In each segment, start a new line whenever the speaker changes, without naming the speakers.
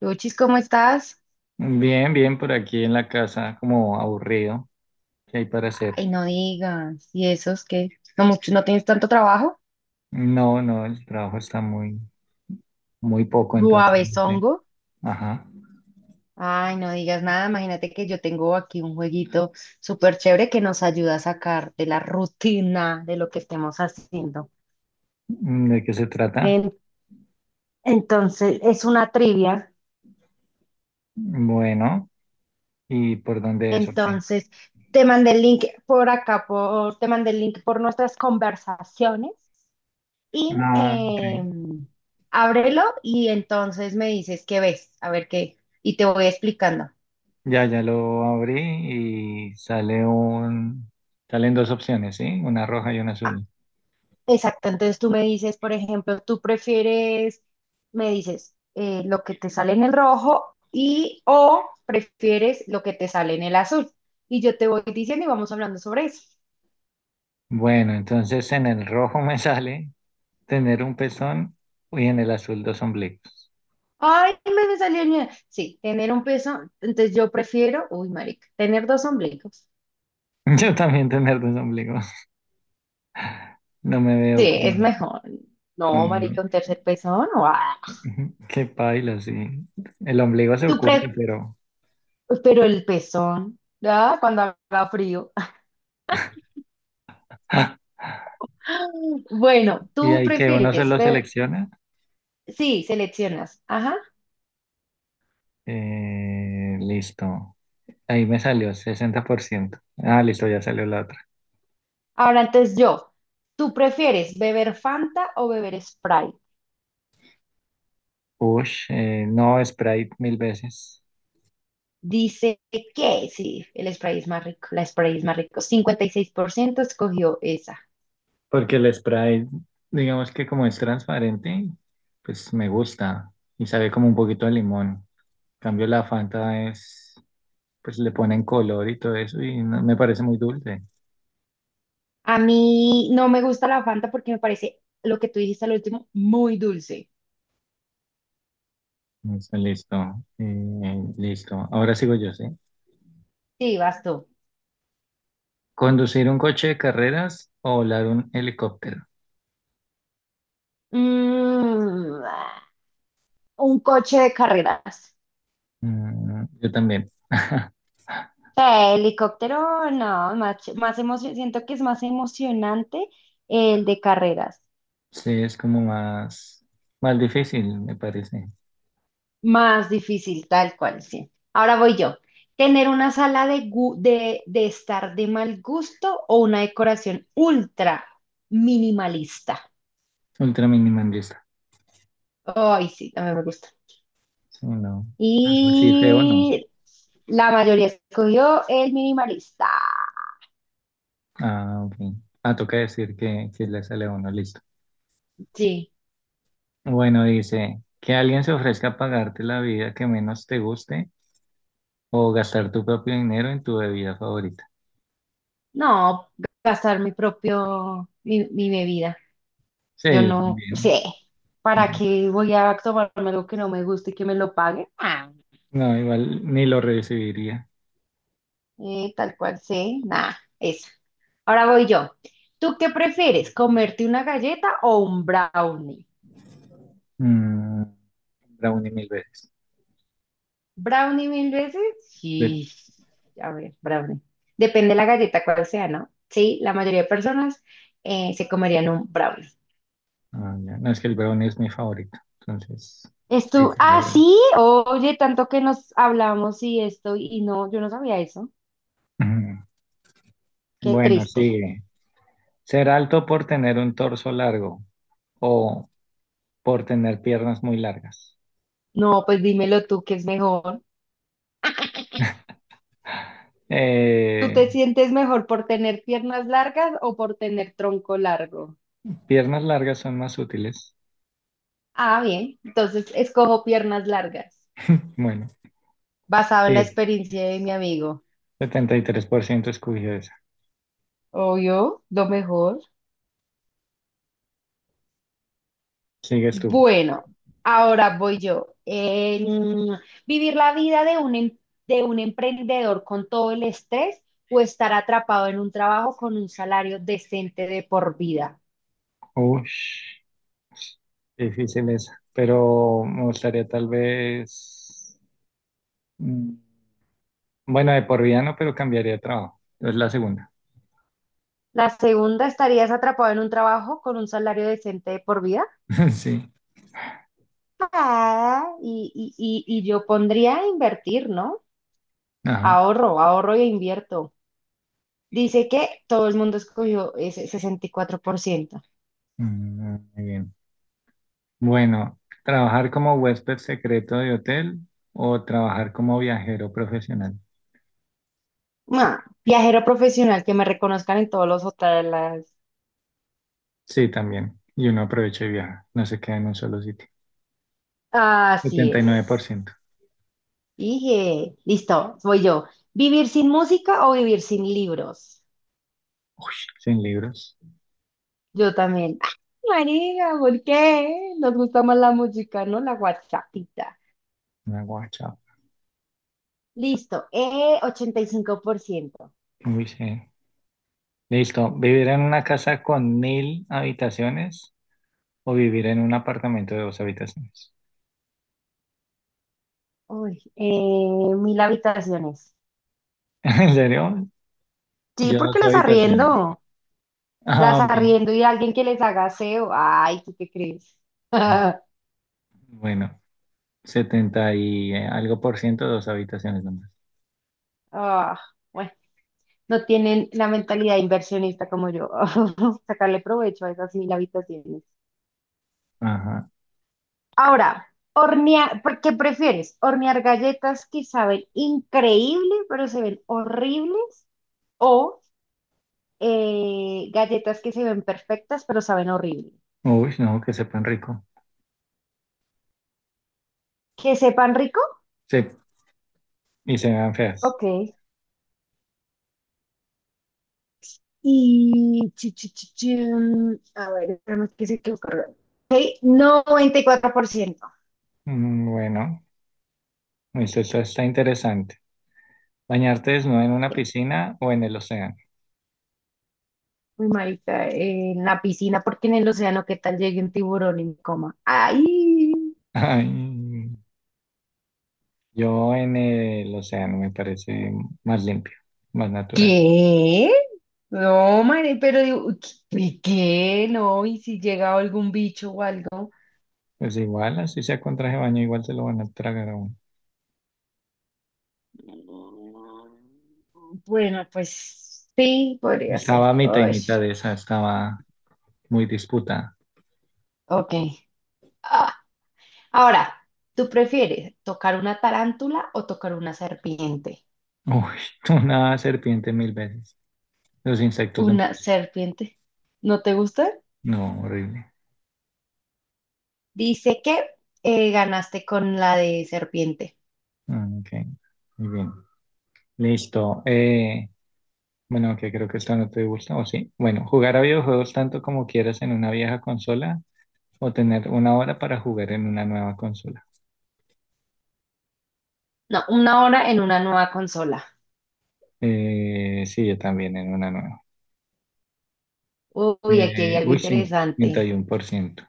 Luchis, ¿cómo estás?
Bien, bien, por aquí en la casa, como aburrido, ¿qué hay para hacer?
Ay, no digas. ¿Y esos que no mucho, no tienes tanto trabajo?
No, no, el trabajo está muy, muy poco, entonces no sé.
Suavezongo.
Ajá.
Ay, no digas nada. Imagínate que yo tengo aquí un jueguito súper chévere que nos ayuda a sacar de la rutina de lo que estemos haciendo.
Mm, ¿de qué se trata?
En- entonces, es una trivia.
Bueno, ¿y por dónde es o qué?
Entonces, te mandé el link por acá, te mandé el link por nuestras conversaciones. Y
Ah, ok.
ábrelo y entonces me dices qué ves, a ver qué, y te voy explicando.
Ya, ya lo abrí y salen dos opciones, ¿sí? Una roja y una
Ah,
azul.
exacto. Entonces tú me dices, por ejemplo, tú prefieres, me dices lo que te sale en el rojo y o prefieres lo que te sale en el azul. Y yo te voy diciendo y vamos hablando sobre eso.
Bueno, entonces en el rojo me sale tener un pezón y en el azul dos ombligos.
Ay, me salió el... Sí, tener un peso, entonces yo prefiero, uy, marica, tener dos ombligos.
Yo también tener dos ombligos. No me
Sí,
veo
es
con.
mejor. No,
Mm,
marica, un tercer pezón, no. Ah.
ujú, qué paila, sí. El ombligo se
¿Tú,
oculta,
pre-
pero.
Pero el pezón, ¿verdad? Cuando haga frío.
¡Ah!
Bueno,
Y
tú
ahí que uno se
prefieres
lo
beber.
selecciona.
Sí, seleccionas. Ajá.
Listo. Ahí me salió 60%. Ah, listo, ya salió la otra.
Ahora entonces yo. ¿Tú prefieres beber Fanta o beber Sprite?
Ush, no, Sprite mil veces.
Dice que sí, el Sprite es más rico. La Sprite es más rico. 56% escogió esa.
Porque el Sprite, digamos que como es transparente, pues me gusta y sabe como un poquito de limón. En cambio, la Fanta es, pues le ponen color y todo eso y me parece muy dulce.
A mí no me gusta la Fanta porque me parece lo que tú dijiste al último, muy dulce.
Listo, listo. Listo. Ahora sigo yo, ¿sí?
Sí, vas tú.
¿Conducir un coche de carreras o volar un helicóptero?
Mm, un coche de carreras.
Mm, yo también.
Sea, helicóptero, no, más siento que es más emocionante el de carreras,
Sí, es como más, más difícil, me parece.
más difícil, tal cual, sí. Ahora voy yo. ¿Tener una sala de estar de mal gusto o una decoración ultra minimalista?
Ultra minimalista.
Ay, sí, también me gusta.
Sí, no. Algo así feo, no.
Y la mayoría escogió el minimalista.
Ah, ok. Ah, toca decir que le sale a uno, listo.
Sí,
Bueno, dice, que alguien se ofrezca a pagarte la vida que menos te guste o gastar tu propio dinero en tu bebida favorita.
no, gastar mi propio, mi bebida.
Sí,
Yo
yo
no
también.
sé, ¿para qué voy a tomarme algo que no me guste y que me lo pague? Ah,
No, igual ni lo recibiría.
tal cual sí nada, eso. Ahora voy yo. ¿Tú qué prefieres, comerte una galleta o un brownie?
Mm, brownie mil veces.
¿Brownie mil veces?
De-
Sí, a ver, brownie. Depende de la galleta cuál sea, ¿no? Sí, la mayoría de personas se comerían un brownie.
Ah, ya. No, es que el brownie es mi favorito. Entonces,
¿Es
sí,
tú?
sería
Ah,
brownie.
sí, oye, tanto que nos hablamos y esto, y no, yo no sabía eso.
Ujú.
Qué
Bueno,
triste.
sigue. Ser alto por tener un torso largo o por tener piernas muy largas.
No, pues dímelo tú, ¿qué es mejor? ¿Tú
Eh,
te sientes mejor por tener piernas largas o por tener tronco largo?
piernas largas son más útiles.
Ah, bien, entonces escojo piernas largas,
Bueno,
basado en la
sí,
experiencia de mi amigo.
73% escogió esa.
Obvio, lo mejor.
Sigues tú.
Bueno, ahora voy yo. ¿Vivir la vida de un, de un emprendedor con todo el estrés o estar atrapado en un trabajo con un salario decente de por vida?
Ush, difícil esa. Pero me gustaría tal vez. mm, Bueno, de por vida no, pero cambiaría de trabajo. Es la segunda.
La segunda, estarías atrapado en un trabajo con un salario decente de por vida.
Sí.
Ah, y yo pondría a invertir, ¿no?
Ajá.
Ahorro, ahorro e invierto. Dice que todo el mundo escogió ese 64%.
Mm, muy bien. Bueno, ¿trabajar como huésped secreto de hotel o trabajar como viajero profesional?
Ah, viajero profesional, que me reconozcan en todos los hoteles.
Sí, también. Y uno aprovecha y viaja. No se queda en un solo sitio.
Así
Setenta y nueve por
es.
ciento.
Dije, listo, voy yo. ¿Vivir sin música o vivir sin libros?
Sin libros.
Yo también. ¡Ah, María, ¿por qué? Nos gusta más la música, ¿no? La WhatsAppita.
Una guacha.
Listo. 85%.
Uy, sí. Listo. ¿Vivir en una casa con mil habitaciones o vivir en un apartamento de dos habitaciones?
Uy, mil habitaciones.
¿En serio?
Sí,
Yo dos
porque las
habitaciones.
arriendo.
Ah,
Las
ok.
arriendo y alguien que les haga aseo. Ay, ¿tú qué crees?
Bueno, 70 y algo por ciento, dos habitaciones nomás.
Ah, bueno, no tienen la mentalidad inversionista como yo. Sacarle provecho a esas mil habitaciones.
Ajá.
Ahora, hornear, ¿por ¿qué prefieres? ¿Hornear galletas que saben increíble, pero se ven horribles? ¿O galletas que se ven perfectas, pero saben horrible?
Uy, no, que sepan rico.
¿Que sepan rico?
Sí, y se vean feas.
Ok. Y... chin. A ver, nada que se quedó cargado. Ok, 94%.
Bueno, eso está interesante. ¿Bañarte desnudo en una
Sí,
piscina o en el océano?
muy marica, en la piscina, porque en el océano, ¿qué tal llegue un tiburón y me coma? ¡Ay!
Ay, yo en el océano me parece más limpio, más natural.
¿Qué? No, madre, pero digo, ¿qué? ¿Qué? No, y si llega algún bicho o algo.
Pues igual, así sea con traje de baño, igual se lo van a tragar a uno.
Mm, bueno, pues sí, podría ser.
Estaba mitad y
Ay,
mitad de esa, estaba muy disputada.
ok. Ah, ahora, ¿tú prefieres tocar una tarántula o tocar una serpiente?
Uy, una serpiente mil veces. Los insectos no.
Una serpiente. ¿No te gusta?
No, horrible.
Dice que ganaste con la de serpiente.
Ah, ok, muy bien. Listo. Bueno, que creo que esta no te gusta, ¿o sí? Bueno, jugar a videojuegos tanto como quieras en una vieja consola o tener una hora para jugar en una nueva consola.
No, una hora en una nueva consola.
Sí, yo también en una nueva.
Uy, aquí hay
Eh,
algo
uy,
interesante.
51%.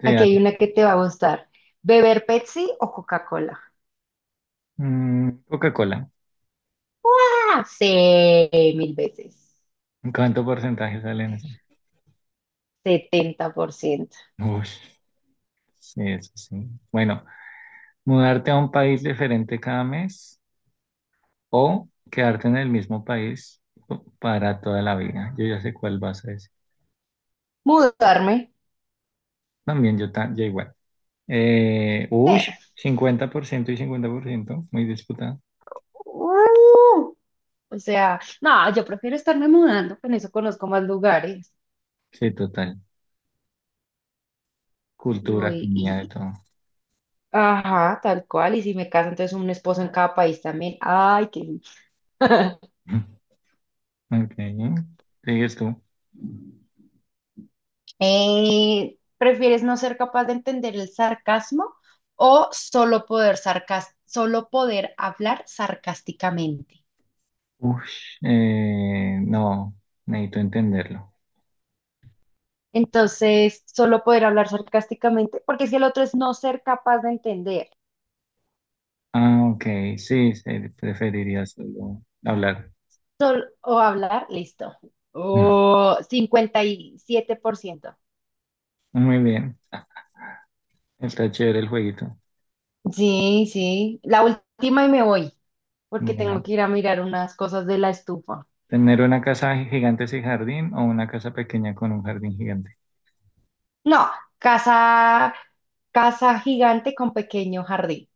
Sí,
Aquí hay
dale.
una que te va a gustar. ¿Beber Pepsi o Coca-Cola?
Mm, Coca-Cola.
¡Ah! Sí, mil veces.
¿Cuánto porcentaje sale
A
en
ver,
eso?
70%.
Uy, sí, eso sí. Bueno, mudarte a un país diferente cada mes o quedarte en el mismo país para toda la vida. Yo ya sé cuál vas a decir.
¿Mudarme?
También yo, yo igual. Eh,
Sí.
uy, 50% y 50% muy disputado.
Uh, o sea, no, yo prefiero estarme mudando, con eso conozco más lugares.
Sí, total.
Y
Cultura,
voy,
comida, de todo.
ajá, tal cual. Y si me caso, entonces un esposo en cada país también. Ay, qué...
Ok, sigues tú.
¿Prefieres no ser capaz de entender el sarcasmo o solo poder hablar sarcásticamente?
Uy, no, necesito entenderlo.
Entonces, solo poder hablar sarcásticamente, porque si el otro es no ser capaz de entender
Ah, ok, sí, sí, preferiría solo hablar.
o hablar, listo. O 57%.
Muy bien, está chévere el jueguito.
Sí, sí. La última y me voy, porque tengo
Bueno.
que ir a mirar unas cosas de la estufa.
Tener una casa gigante sin jardín o una casa pequeña con un jardín gigante.
No, casa, casa gigante con pequeño jardín.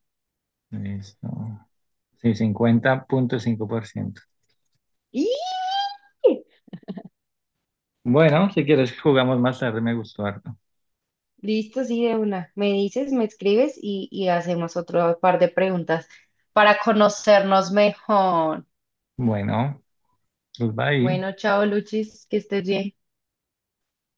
Listo. Sí, 50.5%.
Y
Bueno, si quieres jugamos más tarde, me gustó harto.
listo, sí, de una. Me dices, me escribes y hacemos otro par de preguntas para conocernos mejor.
Bueno, pues bye.
Bueno, chao, Luchis, que estés bien.